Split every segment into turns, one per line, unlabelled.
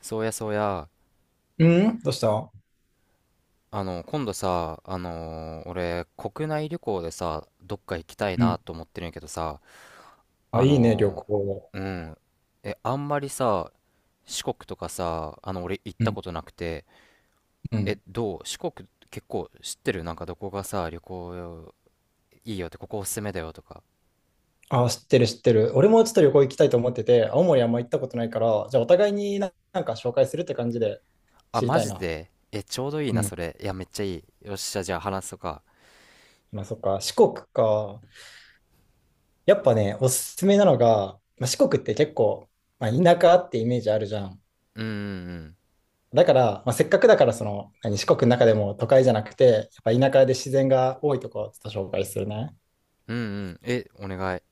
そうやそうや、
うん。どうした？
今度さ、俺、国内旅行でさ、どっか行きたい
う
な
ん。
と思ってるんやけどさ、
あ、
あ
いいね、旅
の
行。
うん、え、あんまりさ、四国とかさ、俺行っ
う
た
ん。
ことなくて、
う
え、
ん。
どう四国結構知ってる？なんかどこがさ、旅行いいよって、ここおすすめだよとか。
あ、知ってる、知ってる。俺もちょっと旅行行きたいと思ってて、青森あんま行ったことないから、じゃあお互いにな、なんか紹介するって感じで
あ、
知り
マ
たい
ジ
な。
で？え、ちょうどいい
う
な、そ
ん。
れ。いや、めっちゃいい。よっしゃ、じゃあ話そうか。
まあそっか、四国か。やっぱね、おすすめなのが、まあ、四国って結構、まあ、田舎ってイメージあるじゃん。
うんうん
だから、まあ、せっかくだからその、何、四国の中でも都会じゃなくて、やっぱ田舎で自然が多いとこをちょっと紹介するね。や
うん。うんうん。え、お願い。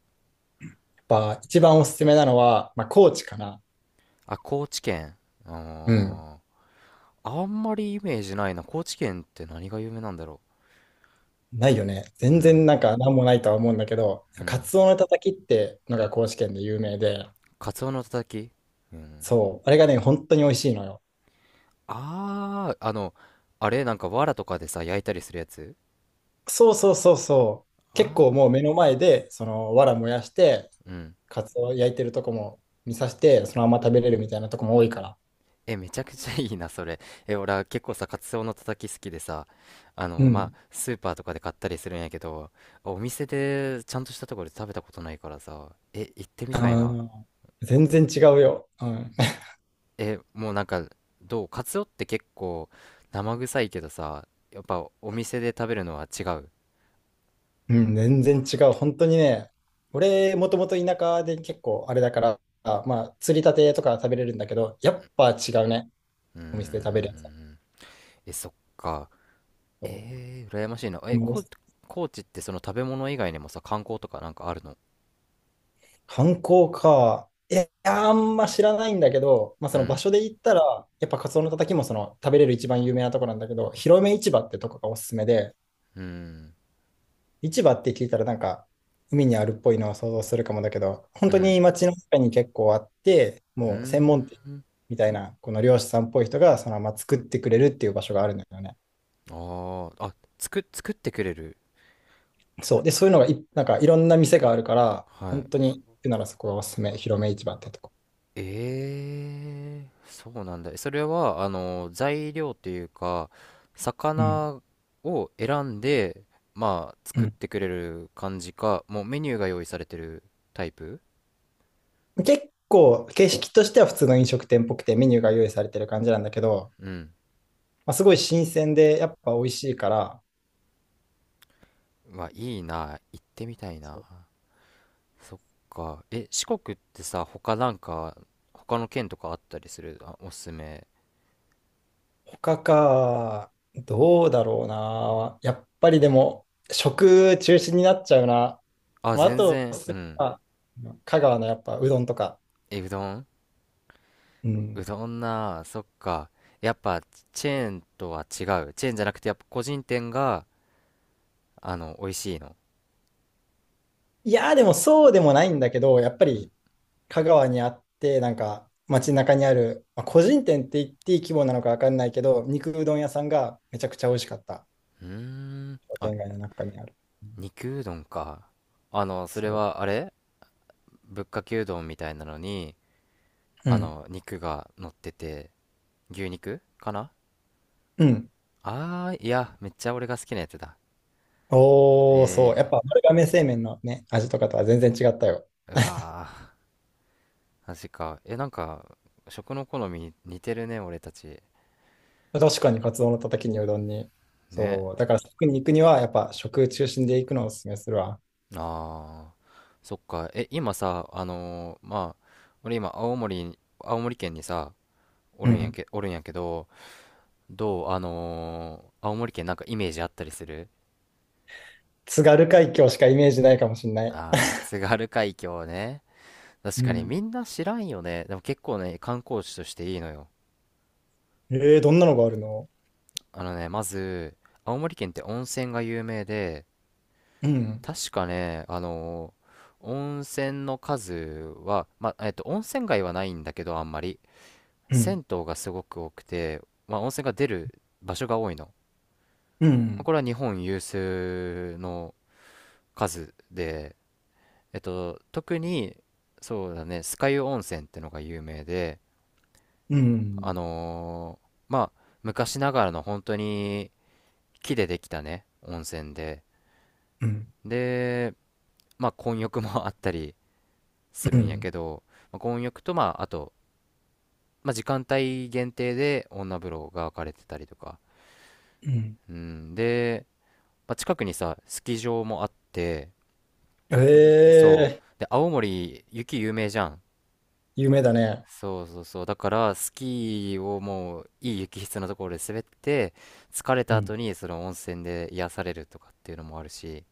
っぱ一番おすすめなのは、まあ、高知かな。
あ、高知県。
うん。
あー、あんまりイメージないな。高知県って何が有名なんだろ
ないよね。
う。う
全然
ん。
なんか何もないとは思うんだけど、
う
カ
ん。
ツオのたたきってのが高知県で有名で、
カツオのたたき。うん。
そう、あれがね、本当に美味しいのよ。
あー、あれなんか藁とかでさ、焼いたりするやつ？
そうそうそうそう。結
あ
構もう目の前で、その、藁燃やして、
あー、うん。
カツオ焼いてるとこも見さして、そのまま食べれるみたいなとこも多いから。
え、めちゃくちゃいいな、それ。え、俺は結構さ、カツオのたたき好きでさ、
うん。
スーパーとかで買ったりするんやけど、お店でちゃんとしたところで食べたことないからさ、え、行ってみ
あ
たいな。
ー、全然違うよ。うん。
え、もうなんか、どう？カツオって結構生臭いけどさ、やっぱお店で食べるのは違う？
うん、全然違う。本当にね、俺、もともと田舎で結構あれだから、まあ、釣りたてとか食べれるんだけど、やっぱ違うね。
うー
お店で食べるやつは。
ん。え、そっか。えー、羨ましいな。え、
もう
こ、高知ってその食べ物以外にもさ、観光とかなんかあるの？
観光か。いや、あんま知らないんだけど、まあ、
う
その場
ん。
所で行ったら、やっぱカツオのたたきもその食べれる一番有名なとこなんだけど、広め市場ってとこがおすすめで、
うん。
市場って聞いたらなんか海にあるっぽいのを想像するかもだけど、本
う
当
ん。
に街の中に結構あって、
うー
もう専
ん。
門店みたいな、この漁師さんっぽい人がそのまま作ってくれるっていう場所があるんだよね。
あー、作ってくれる。
そう。で、そういうのがい、なんかいろんな店があるから、
は
本
い。
当に行くならそこがおすすめ、広め市場ってとこ。
ええ、そうなんだ。それは、材料というか、
うん。
魚を選んで、まあ、
う
作っ
ん、
てくれる感じか、もうメニューが用意されてるタイプ？
結構、形式としては普通の飲食店っぽくて、メニューが用意されてる感じなんだけど、
うん。
まあ、すごい新鮮で、やっぱ美味しいから、
うわ、いいな。行ってみたい
そ
な。
う。
そっか。え、四国ってさ、他の県とかあったりする？あ、おすすめ。
他か、どうだろうな。やっぱりでも、食中心になっちゃうな。
あ、
まあ、あ
全
と、
然、う
すれ
ん。
ば香川のやっぱうどんとか。
え、うどん？
う
う
ん。
どんなあ、そっか。やっぱチェーンとは違う？チェーンじゃなくて、やっぱ個人店が、美味しいの？
いやー、でもそうでもないんだけど、やっぱ
うん。
り香川にあって、なんか街中にある、まあ、個人店って言っていい規模なのかわかんないけど、肉うどん屋さんがめちゃくちゃ美味しかった。
うーん。
商
あ、
店街の中にある。うん、
肉うどんか。それ
そ
は、あれ？ぶっかけうどんみたいなのに、
う。うん。
肉が乗ってて、牛肉かな？
うん。
あー、いや、めっちゃ俺が好きなやつだ。
おー、そう。や
え
っぱ丸亀製麺のね、味とかとは全然違ったよ。
ー、うわー、マジか。え、なんか、食の好み似てるね、俺たち。
確かにカツオのたたきにうどんに。
ね。
そう。だから食に行くには、やっぱ食中心で行くのをおすすめするわ。
ああ、そっか。え、今さ、俺今、青森に、青森県にさ、
うん。
おるんやけど、どう、青森県なんかイメージあったりする？
津軽海峡しかイメージないかもしんない。
ああー、津軽海峡ね。確
う
かに
ん。
みんな知らんよね。でも結構ね、観光地としていいのよ。
えー、どんなのがあるの？
まず、青森県って温泉が有名で、
うん。
確かね、温泉の数は、温泉街はないんだけど、あんまり。
うん。
銭湯がすごく多くて、まあ、温泉が出る場所が多いの。ま
う
あ、
ん。
これは日本有数の数で、えっと、特に、そうだね、酸ヶ湯温泉ってのが有名で、
うん。
昔ながらの本当に木でできたね、温泉で、
うん。
で、まあ、混浴も あったりす
う
るんや
ん。
けど、まあ、混浴と、まあ、時間帯限定で女風呂が分かれてたりとか、
うん。
うん、で、まあ、近くにさ、スキー場もあって、
え
そう。
ー、
で、青森、雪有名じゃん。
夢だね。
そうそうそう。だから、スキーをもう、いい雪質のところで滑って、疲れ
う
た後
ん、
に、その温泉で癒されるとかっていうのもあるし、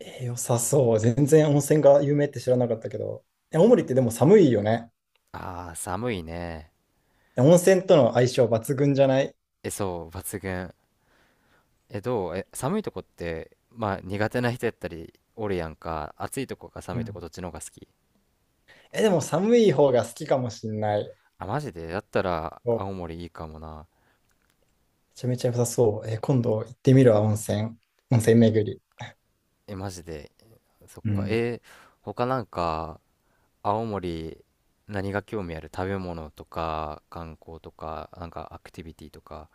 えー良さそう。全然温泉が有名って知らなかったけど。え、青森ってでも寒いよね。
ああ、寒いね。
え、温泉との相性抜群じゃない？
え、そう、抜群。え、どう？え、寒いとこって、まあ、苦手な人やったり、おるやんか。暑いとこか
う
寒いとこ、
ん。
どっちの方が好き？
え、でも寒い方が好きかもしんない。
あ、マジで？だったら、
おめ
青森いいかもな。
ちゃめちゃ良さそう。え、今度行ってみるわ、温泉。温泉巡り。
え、マジで。そっ
う
か。
ん。
え、他なんか、青森何が興味ある？食べ物とか観光とかなんかアクティビティとか。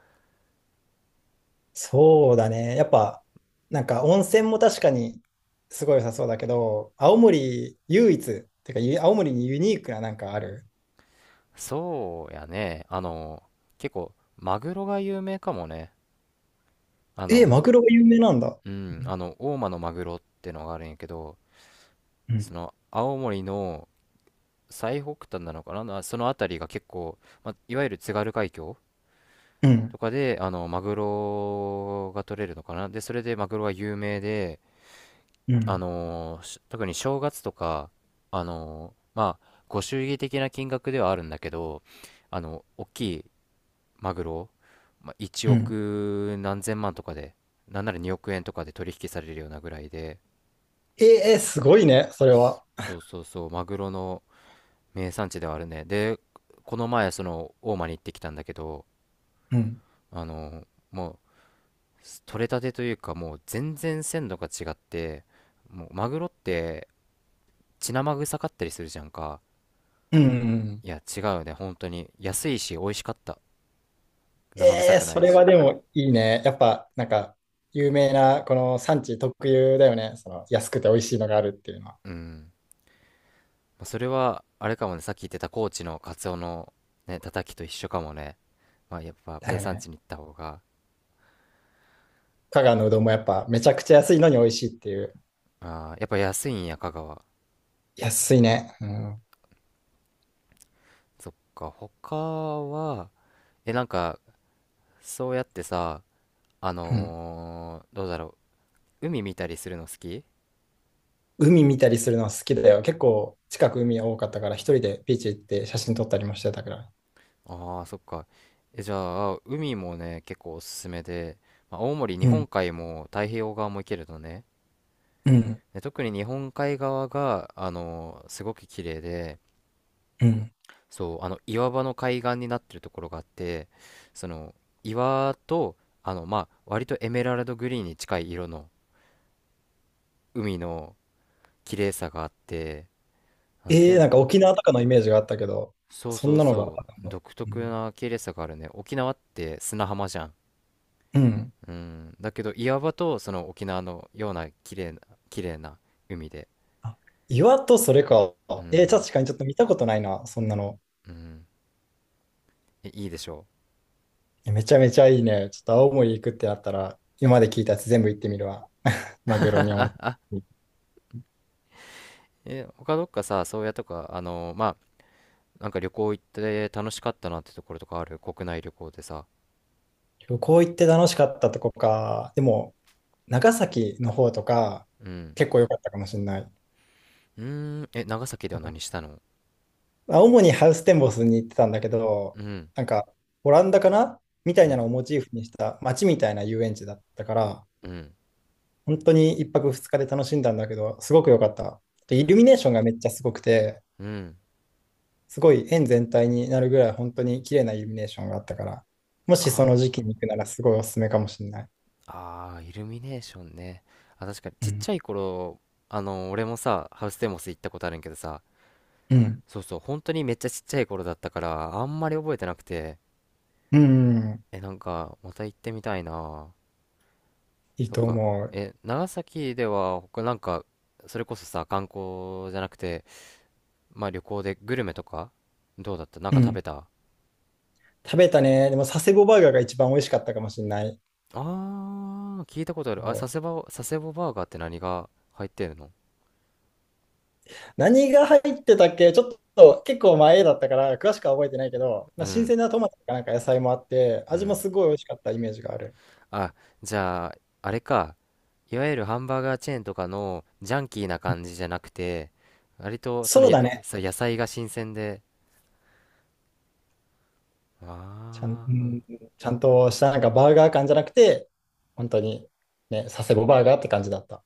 そうだね。やっぱ、なんか温泉も確かにすごい良さそうだけど、青森唯一、てか青森にユニークななんかある？
そうやね、結構マグロが有名かもね。あ
えー、マ
の
グロが有名なんだ。
うん、
うん。
大間のマグロってのがあるんやけど、
う
そ
ん。
の青森の最北端なのかな、なその辺りが結構、ま、いわゆる津軽海峡
うん。
とかでマグロが取れるのかな。でそれでマグロが有名で、
う
あ
ん。
のーし特に正月とか、ご祝儀的な金額ではあるんだけど、あの、大きいマグロ、まあ、1
うん、
億何千万とかで、なんなら2億円とかで取引されるようなぐらいで、
ええすごいね、それは。
そうそうそう、マグロの名産地ではあるね。で、この前、その、大間に行ってきたんだけど、
うん。
あのもう、取れたてというか、もう全然鮮度が違って、もう、マグロって、血生臭かったりするじゃんか。
うん、うん、
いや、違うね、本当に。安いし、美味しかった。
え
生臭
え
くな
そ
い
れ
し。
はでもいいね。やっぱ、なんか、有名な、この産地特有だよね。その、安くて美味しいのがあるっていうのは。
うん。まあ、それは、あれかもね、さっき言ってた高知のカツオのね、たたきと一緒かもね。まあ、やっぱ
だ
名
よね。
産地に行った方が。
香川のうどんもやっぱ、めちゃくちゃ安いのに美味しいっていう。
あー、やっぱ安いんや、香川。
安いね。うん。
そっか、他は、え、なんか、そうやってさ、
うん。
どうだろう。海見たりするの好き？
海見たりするのは好きだよ。結構、近く海多かったから、一人でビーチ行って写真撮ったりもしてたから。
ああ、そっか。え、じゃあ、海もね、結構おすすめで、まあ、青森、日
う
本
ん。
海も太平洋側も行けるのね。
うん。
で、特に日本海側が、あのすごく綺麗で、
うん。
そう、岩場の海岸になってるところがあって、その、岩と、まあ、割とエメラルドグリーンに近い色の海の綺麗さがあって、なんて
え
言う
え
んだ
なん
ろ
か
うな。
沖縄とかのイメージがあったけど、
そう
そ
そ
ん
う
なのがあ
そ
った
う、
の。
独
う
特
ん。
な綺麗さがあるね。沖縄って砂浜じゃん。
うん。
うん。だけど、岩場と、その沖縄のような綺麗な海で。
あ、岩とそれか。
う
えー、
ん。
確かにちょっと見たことないな、そんなの。
うん。え、いいでしょう。
めちゃめちゃいいね。ちょっと青森行くってなったら、今まで聞いたやつ全部行ってみるわ。マグロにも。
え、他どっかさ、宗谷とか、まあ、なんか旅行行って楽しかったなってところとかある？国内旅行でさ。
旅行行って楽しかったとこか。でも、長崎の方とか、
うん。
結構良かったかもしれない。
うーん、え、長崎では何し
あ、
たの？
主にハウステンボスに行ってたんだけど、
うん、
なんか、オランダかなみた
う
いな
ん、
のをモチーフにした街みたいな遊園地だったから、
うん、
本当に1泊2日で楽しんだんだけど、すごく良かった。でイルミネーションがめっちゃすごくて、
うん。
すごい円全体になるぐらい本当に綺麗なイルミネーションがあったから、も
あ
しその時期
ー、
に行くならすごいおすすめかもしれない。
あー、イルミネーションね。あ、確かに、
う
ちっ
ん。
ちゃい頃、俺もさ、ハウステンボス行ったことあるんやけどさ、
うん。
そうそう、本当にめっちゃちっちゃい頃だったから、あんまり覚えてなくて、
うん。
え、なんか、また行ってみたいな。
いい
そっ
と
か。
思う。
え、長崎では他なんか、それこそさ、観光じゃなくて、まあ、旅行でグルメとか、どうだった？なん
う
か食
ん。
べた？
食べたね。でも佐世保バーガーが一番美味しかったかもしれない。
あー、聞いたことある。
そ
あ、
う、
佐世保バーガーって何が入ってるの？
何が入ってたっけ？ちょっと結構前だったから詳しくは覚えてないけど、ま
う
あ、新
ん、
鮮なトマトとかなんか野菜もあって、
う
味も
ん。
すごい美味しかったイメージがある。
あ、じゃあ、あれか。いわゆるハンバーガーチェーンとかのジャンキーな感じじゃなくて、割とその
そうだね。
野菜が新鮮で。あ
ちゃん、うん
ー
ちゃんとしたなんかバーガー感じゃなくて、本当にね、佐世保バーガーって感じだった。